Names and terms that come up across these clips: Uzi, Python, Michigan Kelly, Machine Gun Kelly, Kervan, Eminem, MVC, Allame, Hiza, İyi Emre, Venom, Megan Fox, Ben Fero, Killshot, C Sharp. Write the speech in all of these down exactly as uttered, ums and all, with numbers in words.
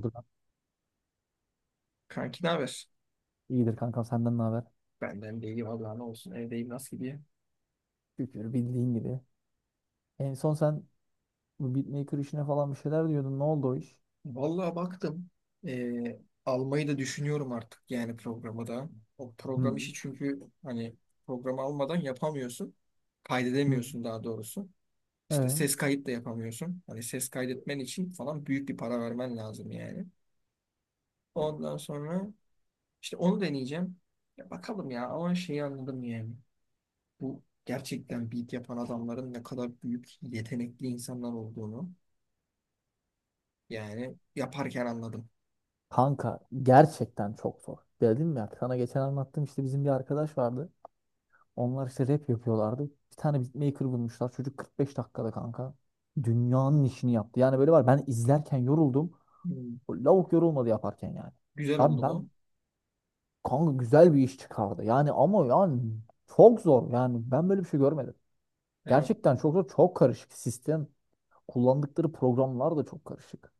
Dur lan. Kanki ne haber? İyidir kanka, senden ne haber? Benden de iyi vallahi, ne olsun, evdeyim. Nasıl gidiyor? Şükür bildiğin gibi. En son sen bu beatmaker işine falan bir şeyler diyordun. Ne oldu o iş? Vallahi baktım, eee, almayı da düşünüyorum artık, yani programı da. O Hı. program işi, çünkü hani programı almadan yapamıyorsun. Hı. Kaydedemiyorsun daha doğrusu. İşte Ee? ses kayıt da yapamıyorsun. Hani ses kaydetmen için falan büyük bir para vermen lazım yani. Ondan sonra işte onu deneyeceğim. Ya bakalım ya, ama şeyi anladım yani. Bu gerçekten beat yapan adamların ne kadar büyük yetenekli insanlar olduğunu. Yani yaparken anladım. Kanka gerçekten çok zor. Dedim ya sana geçen anlattım, işte bizim bir arkadaş vardı. Onlar işte rap yapıyorlardı. Bir tane beatmaker bulmuşlar. Çocuk kırk beş dakikada kanka dünyanın işini yaptı. Yani böyle var, ben izlerken yoruldum. Hmm. O lavuk yorulmadı yaparken yani. Güzel Ben oldu bu. ben Kanka güzel bir iş çıkardı. Yani ama yani çok zor. Yani ben böyle bir şey görmedim. Değil mi? Gerçekten çok zor, çok karışık sistem. Kullandıkları programlar da çok karışık.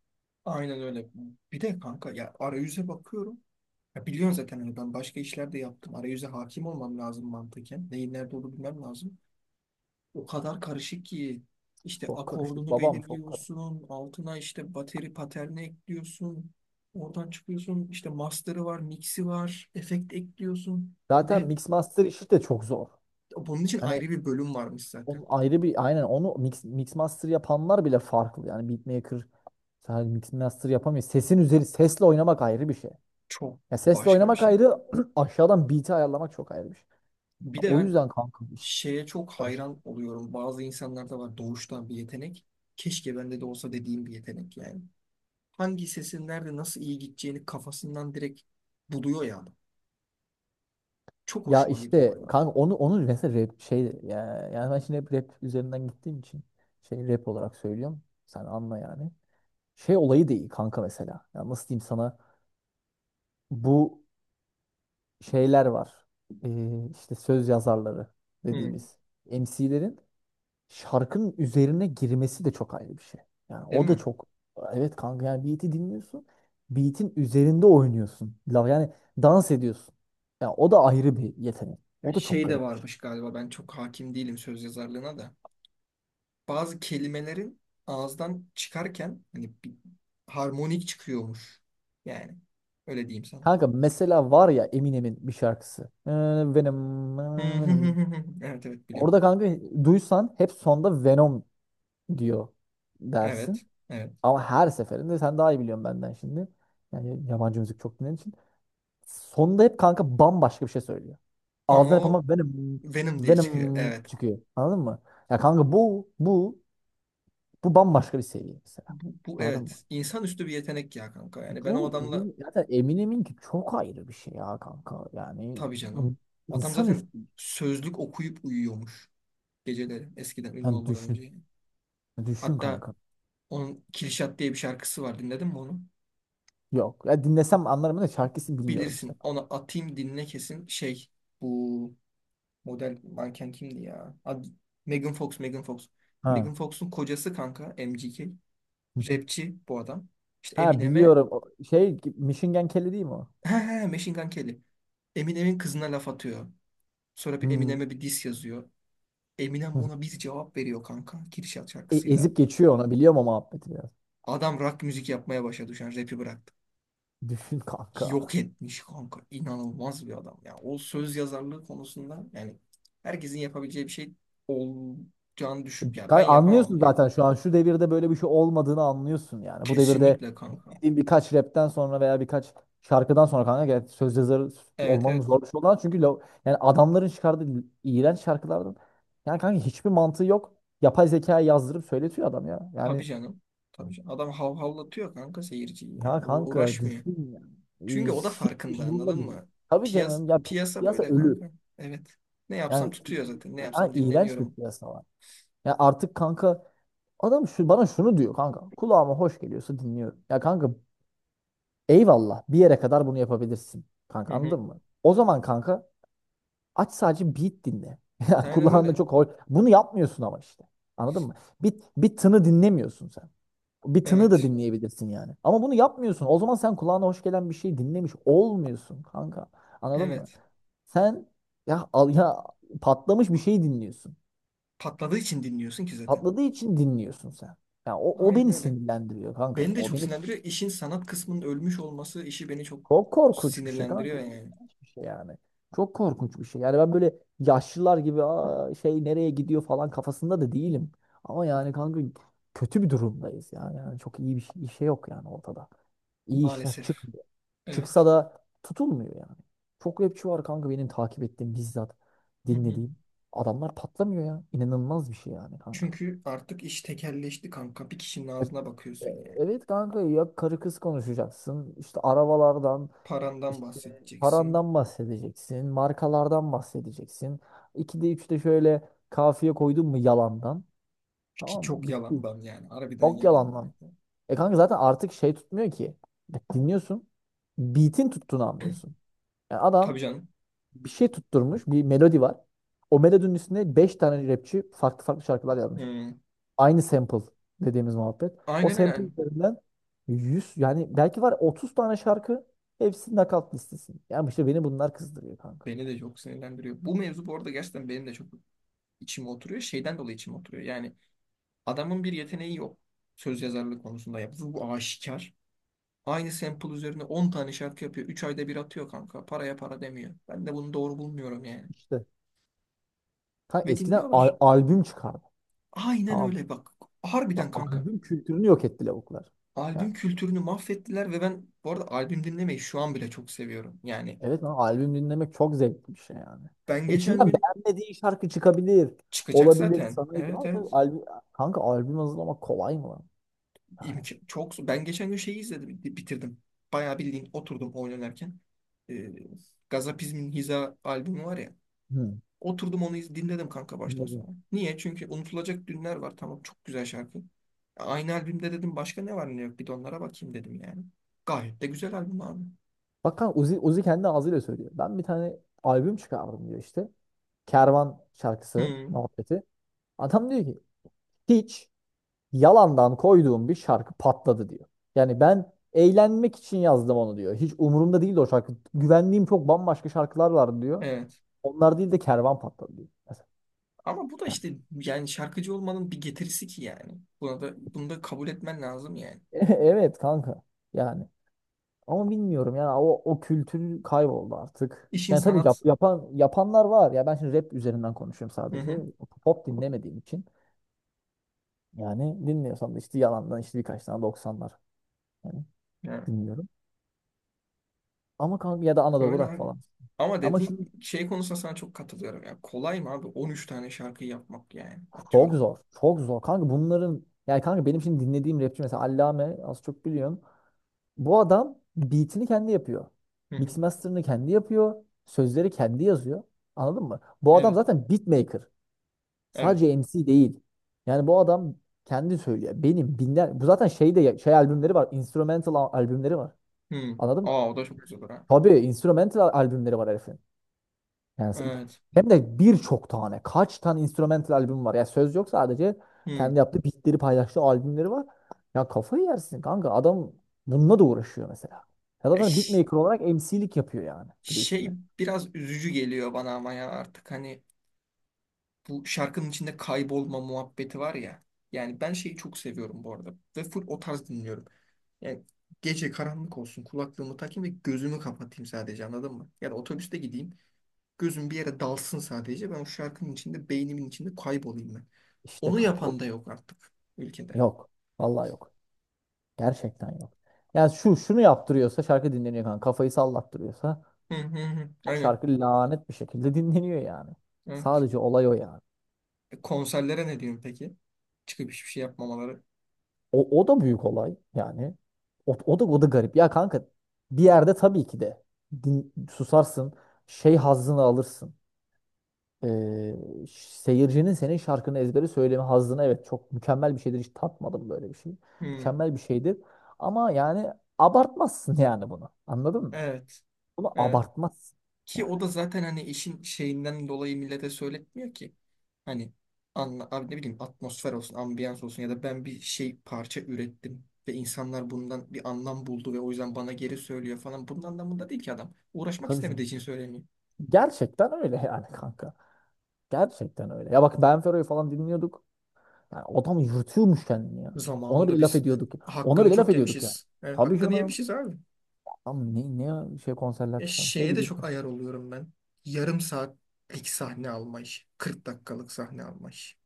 Aynen öyle. Bir de kanka, ya arayüze bakıyorum. Ya biliyorsun zaten, hani ben başka işler de yaptım. Arayüze hakim olmam lazım mantıken. Neyin nerede olduğunu bilmem lazım. O kadar karışık ki, işte Çok karışık. akordunu Babam çok karışık. belirliyorsun. Altına işte bateri paterni ekliyorsun. Oradan çıkıyorsun. İşte master'ı var, mix'i var. Efekt ekliyorsun. Zaten Ne? mix master işi de çok zor. Bunun için Hani ayrı bir bölüm varmış zaten. onun ayrı bir aynen onu mix, mix master yapanlar bile farklı. Yani beatmaker sadece mix master yapamıyor. Sesin üzeri, sesle oynamak ayrı bir şey. Çok Ya sesle başka bir oynamak şey. ayrı, aşağıdan beat'i ayarlamak çok ayrı bir şey. Bir Ya de o ben yüzden kanka işte şeye çok karışık. hayran oluyorum. Bazı insanlarda var doğuştan bir yetenek. Keşke bende de olsa dediğim bir yetenek yani. Hangi sesin nerede nasıl iyi gideceğini kafasından direkt buluyor ya adam. Çok Ya hoşuma gidiyor o işte ya. kanka onu onu mesela rap şey ya, yani ben şimdi hep rap üzerinden gittiğim için şey, rap olarak söylüyorum. Sen anla yani. Şey olayı değil kanka mesela. Ya nasıl diyeyim sana? Bu şeyler var. Ee, işte söz yazarları Hmm. dediğimiz M C'lerin şarkının üzerine girmesi de çok ayrı bir şey. Yani Değil o da mi? çok. Evet kanka, yani beat'i dinliyorsun. Beat'in üzerinde oynuyorsun. La- Yani dans ediyorsun. Ya o da ayrı bir yetenek. Ya O da çok şey de garip bir şey. varmış galiba, ben çok hakim değilim söz yazarlığına da. Bazı kelimelerin ağızdan çıkarken hani bir harmonik çıkıyormuş. Yani öyle diyeyim sana. Kanka mesela var ya, Eminem'in bir şarkısı. Ee, Venom, Hı ee, hı hı Venom. hı hı. Evet, evet, biliyorum. Orada kanka duysan, hep sonda Venom diyor Evet, dersin. evet. Ama her seferinde, sen daha iyi biliyorsun benden şimdi, yani yabancı müzik çok dinlediğin için, sonunda hep kanka bambaşka bir şey söylüyor. Ama Ağzından hep ama o Venom, Venom diye çıkıyor. Venom Evet. çıkıyor. Anladın mı? Ya kanka bu, bu, bu bambaşka bir seviye mesela. Bu, bu, Anladın mı? evet. İnsanüstü bir yetenek ya kanka. Yani ben o Bu adamla, emin, Zaten Eminem'in ki çok ayrı bir şey ya kanka. Yani tabii bu canım. Adam insan zaten üstü. sözlük okuyup uyuyormuş geceleri, eskiden ünlü Yani olmadan önce, düşün. yani. Düşün Hatta kanka. onun Killshot diye bir şarkısı var. Dinledin mi onu? Yok. Ya dinlesem anlarım da şarkısını bilmiyorum işte. Bilirsin. Ona atayım, dinle kesin. Şey, bu model manken kimdi ya? Ad, Megan Fox, Megan Fox. Ha. Megan Fox'un kocası kanka M G K. Rapçi bu adam. İşte Ha, Eminem'e… biliyorum. O şey, Michigan Kelly değil mi o? He he, Machine Gun Kelly. Eminem'in kızına laf atıyor. Sonra bir Hmm. Eminem'e bir diss yazıyor. Eminem Hı. buna bir cevap veriyor kanka, Kürşat E- şarkısıyla. Ezip geçiyor ona, biliyorum o muhabbeti biraz. Adam rock müzik yapmaya başladı şu an, rap'i bıraktı. Düşün kanka. Yok etmiş kanka. İnanılmaz bir adam. Ya o söz yazarlığı konusunda yani herkesin yapabileceği bir şey olacağını düşün. Ya ben Kanka anlıyorsun yapamam yani. zaten, şu an şu devirde böyle bir şey olmadığını anlıyorsun yani. Bu devirde Kesinlikle kanka. dediğim birkaç rapten sonra veya birkaç şarkıdan sonra kanka, gel söz yazarı Evet, olmanın evet. zor bir şey olan çünkü lo- yani adamların çıkardığı iğrenç şarkılardan yani kanka hiçbir mantığı yok. Yapay zekaya yazdırıp söyletiyor adam ya. Tabii Yani canım. Tabii canım. Adam havhallatıyor kanka seyirciyi ya yani. U- kanka uğraşmıyor. düşün ya. Ee, Çünkü o da Hiç farkında, umurumda anladın değil. mı? Tabii Piyas canım ya, piyasa piyasa böyle ölü. kanka. Evet. Ne yapsam Yani, tutuyor zaten. Ne yani yapsam iğrenç bir dinleniyorum. piyasa var. Ya artık kanka, adam şu, bana şunu diyor kanka: kulağıma hoş geliyorsa dinliyorum. Ya kanka eyvallah, bir yere kadar bunu yapabilirsin. Hı Kanka hı. anladın mı? O zaman kanka, aç sadece beat dinle. Ya Aynen kulağında öyle. çok hoş. Bunu yapmıyorsun ama işte. Anladın mı? Bir, bir tını dinlemiyorsun sen. Bir tını da Evet. dinleyebilirsin yani. Ama bunu yapmıyorsun. O zaman sen kulağına hoş gelen bir şey dinlemiş olmuyorsun kanka. Anladın mı? Evet. Sen ya al, ya patlamış bir şey dinliyorsun. Patladığı için dinliyorsun ki zaten. Patladığı için dinliyorsun sen. Ya o, o Aynen beni öyle. sinirlendiriyor kanka. Beni de O çok beni sinirlendiriyor. İşin sanat kısmının ölmüş olması işi beni çok çok korkunç bir şey kanka. sinirlendiriyor İlginç yani. bir şey yani. Çok korkunç bir şey. Yani ben böyle yaşlılar gibi Aa, şey nereye gidiyor falan kafasında da değilim. Ama yani kanka, kötü bir durumdayız yani. Yani çok iyi bir şey, bir şey yok yani ortada. İyi işler Maalesef. çıkmıyor. Çıksa Evet. da tutulmuyor yani. Çok rapçi var kanka benim takip ettiğim, bizzat Hı hı. dinlediğim. Adamlar patlamıyor ya. İnanılmaz bir şey yani kanka. Çünkü artık iş tekelleşti kanka. Bir kişinin E- ağzına bakıyorsun e- yani. Evet kanka, ya karı kız konuşacaksın. İşte arabalardan, Parandan işte bahsedeceksin. parandan bahsedeceksin, markalardan bahsedeceksin. İkide üçte şöyle kafiye koydun mu yalandan, Ki tamam çok bitti. yalandan yani. Harbiden Çok yalandan. yalandan. E kanka zaten artık şey tutmuyor ki. Dinliyorsun. Beat'in tuttuğunu anlıyorsun. Yani Tabii adam canım. bir şey tutturmuş, bir melodi var. O melodinin üstüne beş tane rapçi farklı farklı şarkılar yazmış. Hı. Aynı sample dediğimiz muhabbet. O Aynen öyle. sample Yani üzerinden yüz, yani belki var otuz tane şarkı, hepsi nakalt listesi. Yani işte beni bunlar kızdırıyor kanka. beni de çok sinirlendiriyor. Bu mevzu bu arada gerçekten benim de çok içime oturuyor. Şeyden dolayı içime oturuyor. Yani adamın bir yeteneği yok. Söz yazarlığı konusunda yaptığı bu aşikar. Aynı sample üzerine on tane şarkı yapıyor. Üç ayda bir atıyor kanka. Paraya para demiyor. Ben de bunu doğru bulmuyorum yani. İşte kanka Ve eskiden dinliyorlar. al- albüm çıkardı. Aynen Tamam. öyle, bak. Harbiden Ya kanka. albüm kültürünü yok etti lavuklar. Albüm Yani kültürünü mahvettiler ve ben bu arada albüm dinlemeyi şu an bile çok seviyorum. Yani evet, ama albüm dinlemek çok zevkli bir şey yani. ben E, geçen İçinden gün beğenmediğin şarkı çıkabilir. çıkacak Olabilir zaten. sana, Evet, ama tabii evet. albüm, kanka albüm hazırlamak kolay mı lan? Yani. İmk- çok, ben geçen gün şeyi izledim, bitirdim. Bayağı bildiğin oturdum oyun oynarken. Ee, Gazapizm'in Hiza albümü var ya. Hı, Oturdum onu iz- dinledim kanka baştan sona. dinledim. Niye? Çünkü unutulacak dünler var. Tamam, çok güzel şarkı. Aynı albümde dedim başka ne var ne yok. Bir de onlara bakayım dedim yani. Gayet de güzel albüm abi. Bak kanka, Uzi, Uzi kendi ağzıyla söylüyor. Ben bir tane albüm çıkardım diyor işte. Kervan şarkısı Hı, muhabbeti. Adam diyor ki hiç yalandan koyduğum bir şarkı patladı diyor. Yani ben eğlenmek için yazdım onu diyor. Hiç umurumda değildi o şarkı. Güvendiğim çok bambaşka şarkılar vardı diyor. evet. Onlar değil de kervan patladı diyor. Mesela. Ama bu da Yani, işte yani şarkıcı olmanın bir getirisi ki yani. Buna da, bunu da kabul etmen lazım yani. evet kanka. Yani ama bilmiyorum yani o, o kültür kayboldu artık. İşin Yani tabii yap, sanat. yapan yapanlar var. Ya ben şimdi rap üzerinden konuşuyorum Hı sadece. hı. Pop dinlemediğim için. Yani dinliyorsam da işte yalandan işte birkaç tane doksanlar, yani Yani dinliyorum. Ama kanka ya da Anadolu öyle rock abi. falan. Ama Ama şimdi dediğin şey konusunda sana çok katılıyorum. Ya kolay mı abi on üç tane şarkı yapmak, yani çok atıyorum. zor. Çok zor. Kanka bunların yani, kanka benim şimdi dinlediğim rapçi mesela Allame, az çok biliyorsun. Bu adam beatini kendi yapıyor. Hı hı. Mix master'ını kendi yapıyor. Sözleri kendi yazıyor. Anladın mı? Bu adam Evet. zaten beatmaker. Evet. Sadece M C değil. Yani bu adam kendi söylüyor. Benim binler bu zaten şey de şey, albümleri var. Instrumental al- albümleri var. Hı. Anladın mı? Aa, o da çok güzel olur ha. Tabii instrumental al- albümleri var herifin. Yani s- Evet. hem de birçok tane, kaç tane instrumental albüm var. Ya söz yok, sadece Hmm. kendi yaptığı beatleri paylaştığı albümleri var. Ya kafayı yersin kanka, adam bununla da uğraşıyor mesela. Ya Ya zaten ş- beatmaker olarak M C'lik yapıyor yani bir de üstüne. şey, biraz üzücü geliyor bana, ama ya artık hani bu şarkının içinde kaybolma muhabbeti var ya. Yani ben şeyi çok seviyorum bu arada ve full o tarz dinliyorum. Yani gece karanlık olsun, kulaklığımı takayım ve gözümü kapatayım sadece, anladın mı? Ya da otobüste gideyim, gözüm bir yere dalsın, sadece ben o şarkının içinde, beynimin içinde kaybolayım ben. İşte Onu kanka o yapan da yok artık ülkede. yok. Vallahi yok. Gerçekten yok. Yani şu şunu yaptırıyorsa şarkı dinleniyor kanka. Kafayı sallattırıyorsa Hı hı hı. o Aynen. şarkı lanet bir şekilde dinleniyor yani. Evet. Sadece olay o yani. E, konserlere ne diyorsun peki? Çıkıp hiçbir şey yapmamaları. O, o da büyük olay yani. O, o da o da garip. Ya kanka bir yerde tabii ki de din- susarsın. Şey hazzını alırsın. Ee, ş- Seyircinin senin şarkını ezbere söyleme hazzını, evet, çok mükemmel bir şeydir. Hiç tatmadım böyle bir şey. Hı. Mükemmel bir şeydir. Ama yani abartmazsın yani bunu. Anladın mı? Evet. Bunu Evet. abartmazsın. Ki o Yani da zaten hani işin şeyinden dolayı millete söyletmiyor ki. Hani anla, abi ne bileyim, atmosfer olsun, ambiyans olsun, ya da ben bir şey, parça ürettim ve insanlar bundan bir anlam buldu ve o yüzden bana geri söylüyor falan. Bunun anlamında değil ki adam. Uğraşmak tabii şimdi. istemediği için söylemiyor. Gerçekten öyle yani kanka. Gerçekten öyle. Ya bak, Ben Fero'yu falan dinliyorduk. Yani adam yırtıyormuş kendini ya. Ona Zamanında bile laf biz, e, ediyorduk ya. Ona hakkını bile laf çok ediyorduk ya. yemişiz. Evet, Tabii hakkını canım. yemişiz abi. Adam ne, ne ya, şey konserler E, çıkarmış ne şeye de bileyim. çok ayar oluyorum ben. Yarım saatlik sahne alma işi. kırk dakikalık sahne alma işi.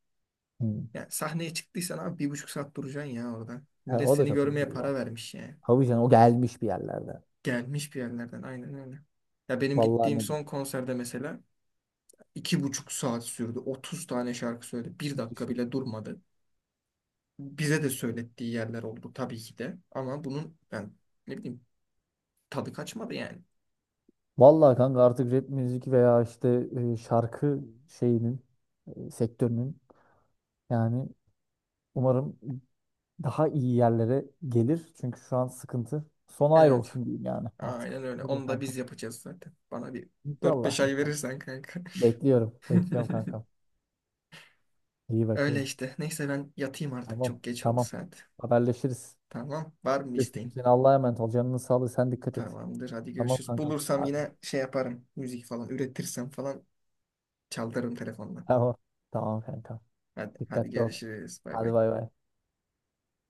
Hmm. Yani sahneye çıktıysan abi bir buçuk saat duracaksın ya orada. Evet, Millet o da seni çok kötü görmeye değil para o. vermiş yani. Tabii canım, o gelmiş bir yerlerde. Gelmiş bir yerlerden, aynen öyle. Ya benim Vallahi gittiğim ne son konserde mesela iki buçuk saat sürdü. otuz tane şarkı söyledi. Bir dakika düşün. bile durmadı. Bize de söylettiği yerler oldu tabii ki de. Ama bunun ben ne bileyim, tadı kaçmadı yani. Vallahi kanka artık rap müzik veya işte e, şarkı şeyinin e, sektörünün, yani umarım daha iyi yerlere gelir. Çünkü şu an sıkıntı. Sona ayrı Evet. olsun diyeyim yani artık. Aynen Ne öyle. diyeyim Onu da kankam. biz yapacağız zaten. Bana bir dört beş İnşallah, ay inşallah. verirsen kanka. Bekliyorum. Bekliyorum kankam. İyi Öyle bakayım. işte. Neyse, ben yatayım artık. Tamam. Çok geç oldu Tamam. saat. Haberleşiriz. Tamam. Var mı Öpüyorum isteğin? seni. Allah'a emanet ol. Canının sağlığı. Sen dikkat et. Tamamdır. Hadi Tamam görüşürüz. kankam. Bulursam Hadi. yine şey yaparım. Müzik falan üretirsem falan çaldırırım telefondan. Tamam. Tamam kankam. Hadi, hadi Dikkatli ol. görüşürüz. Bay Hadi bay. bay bay.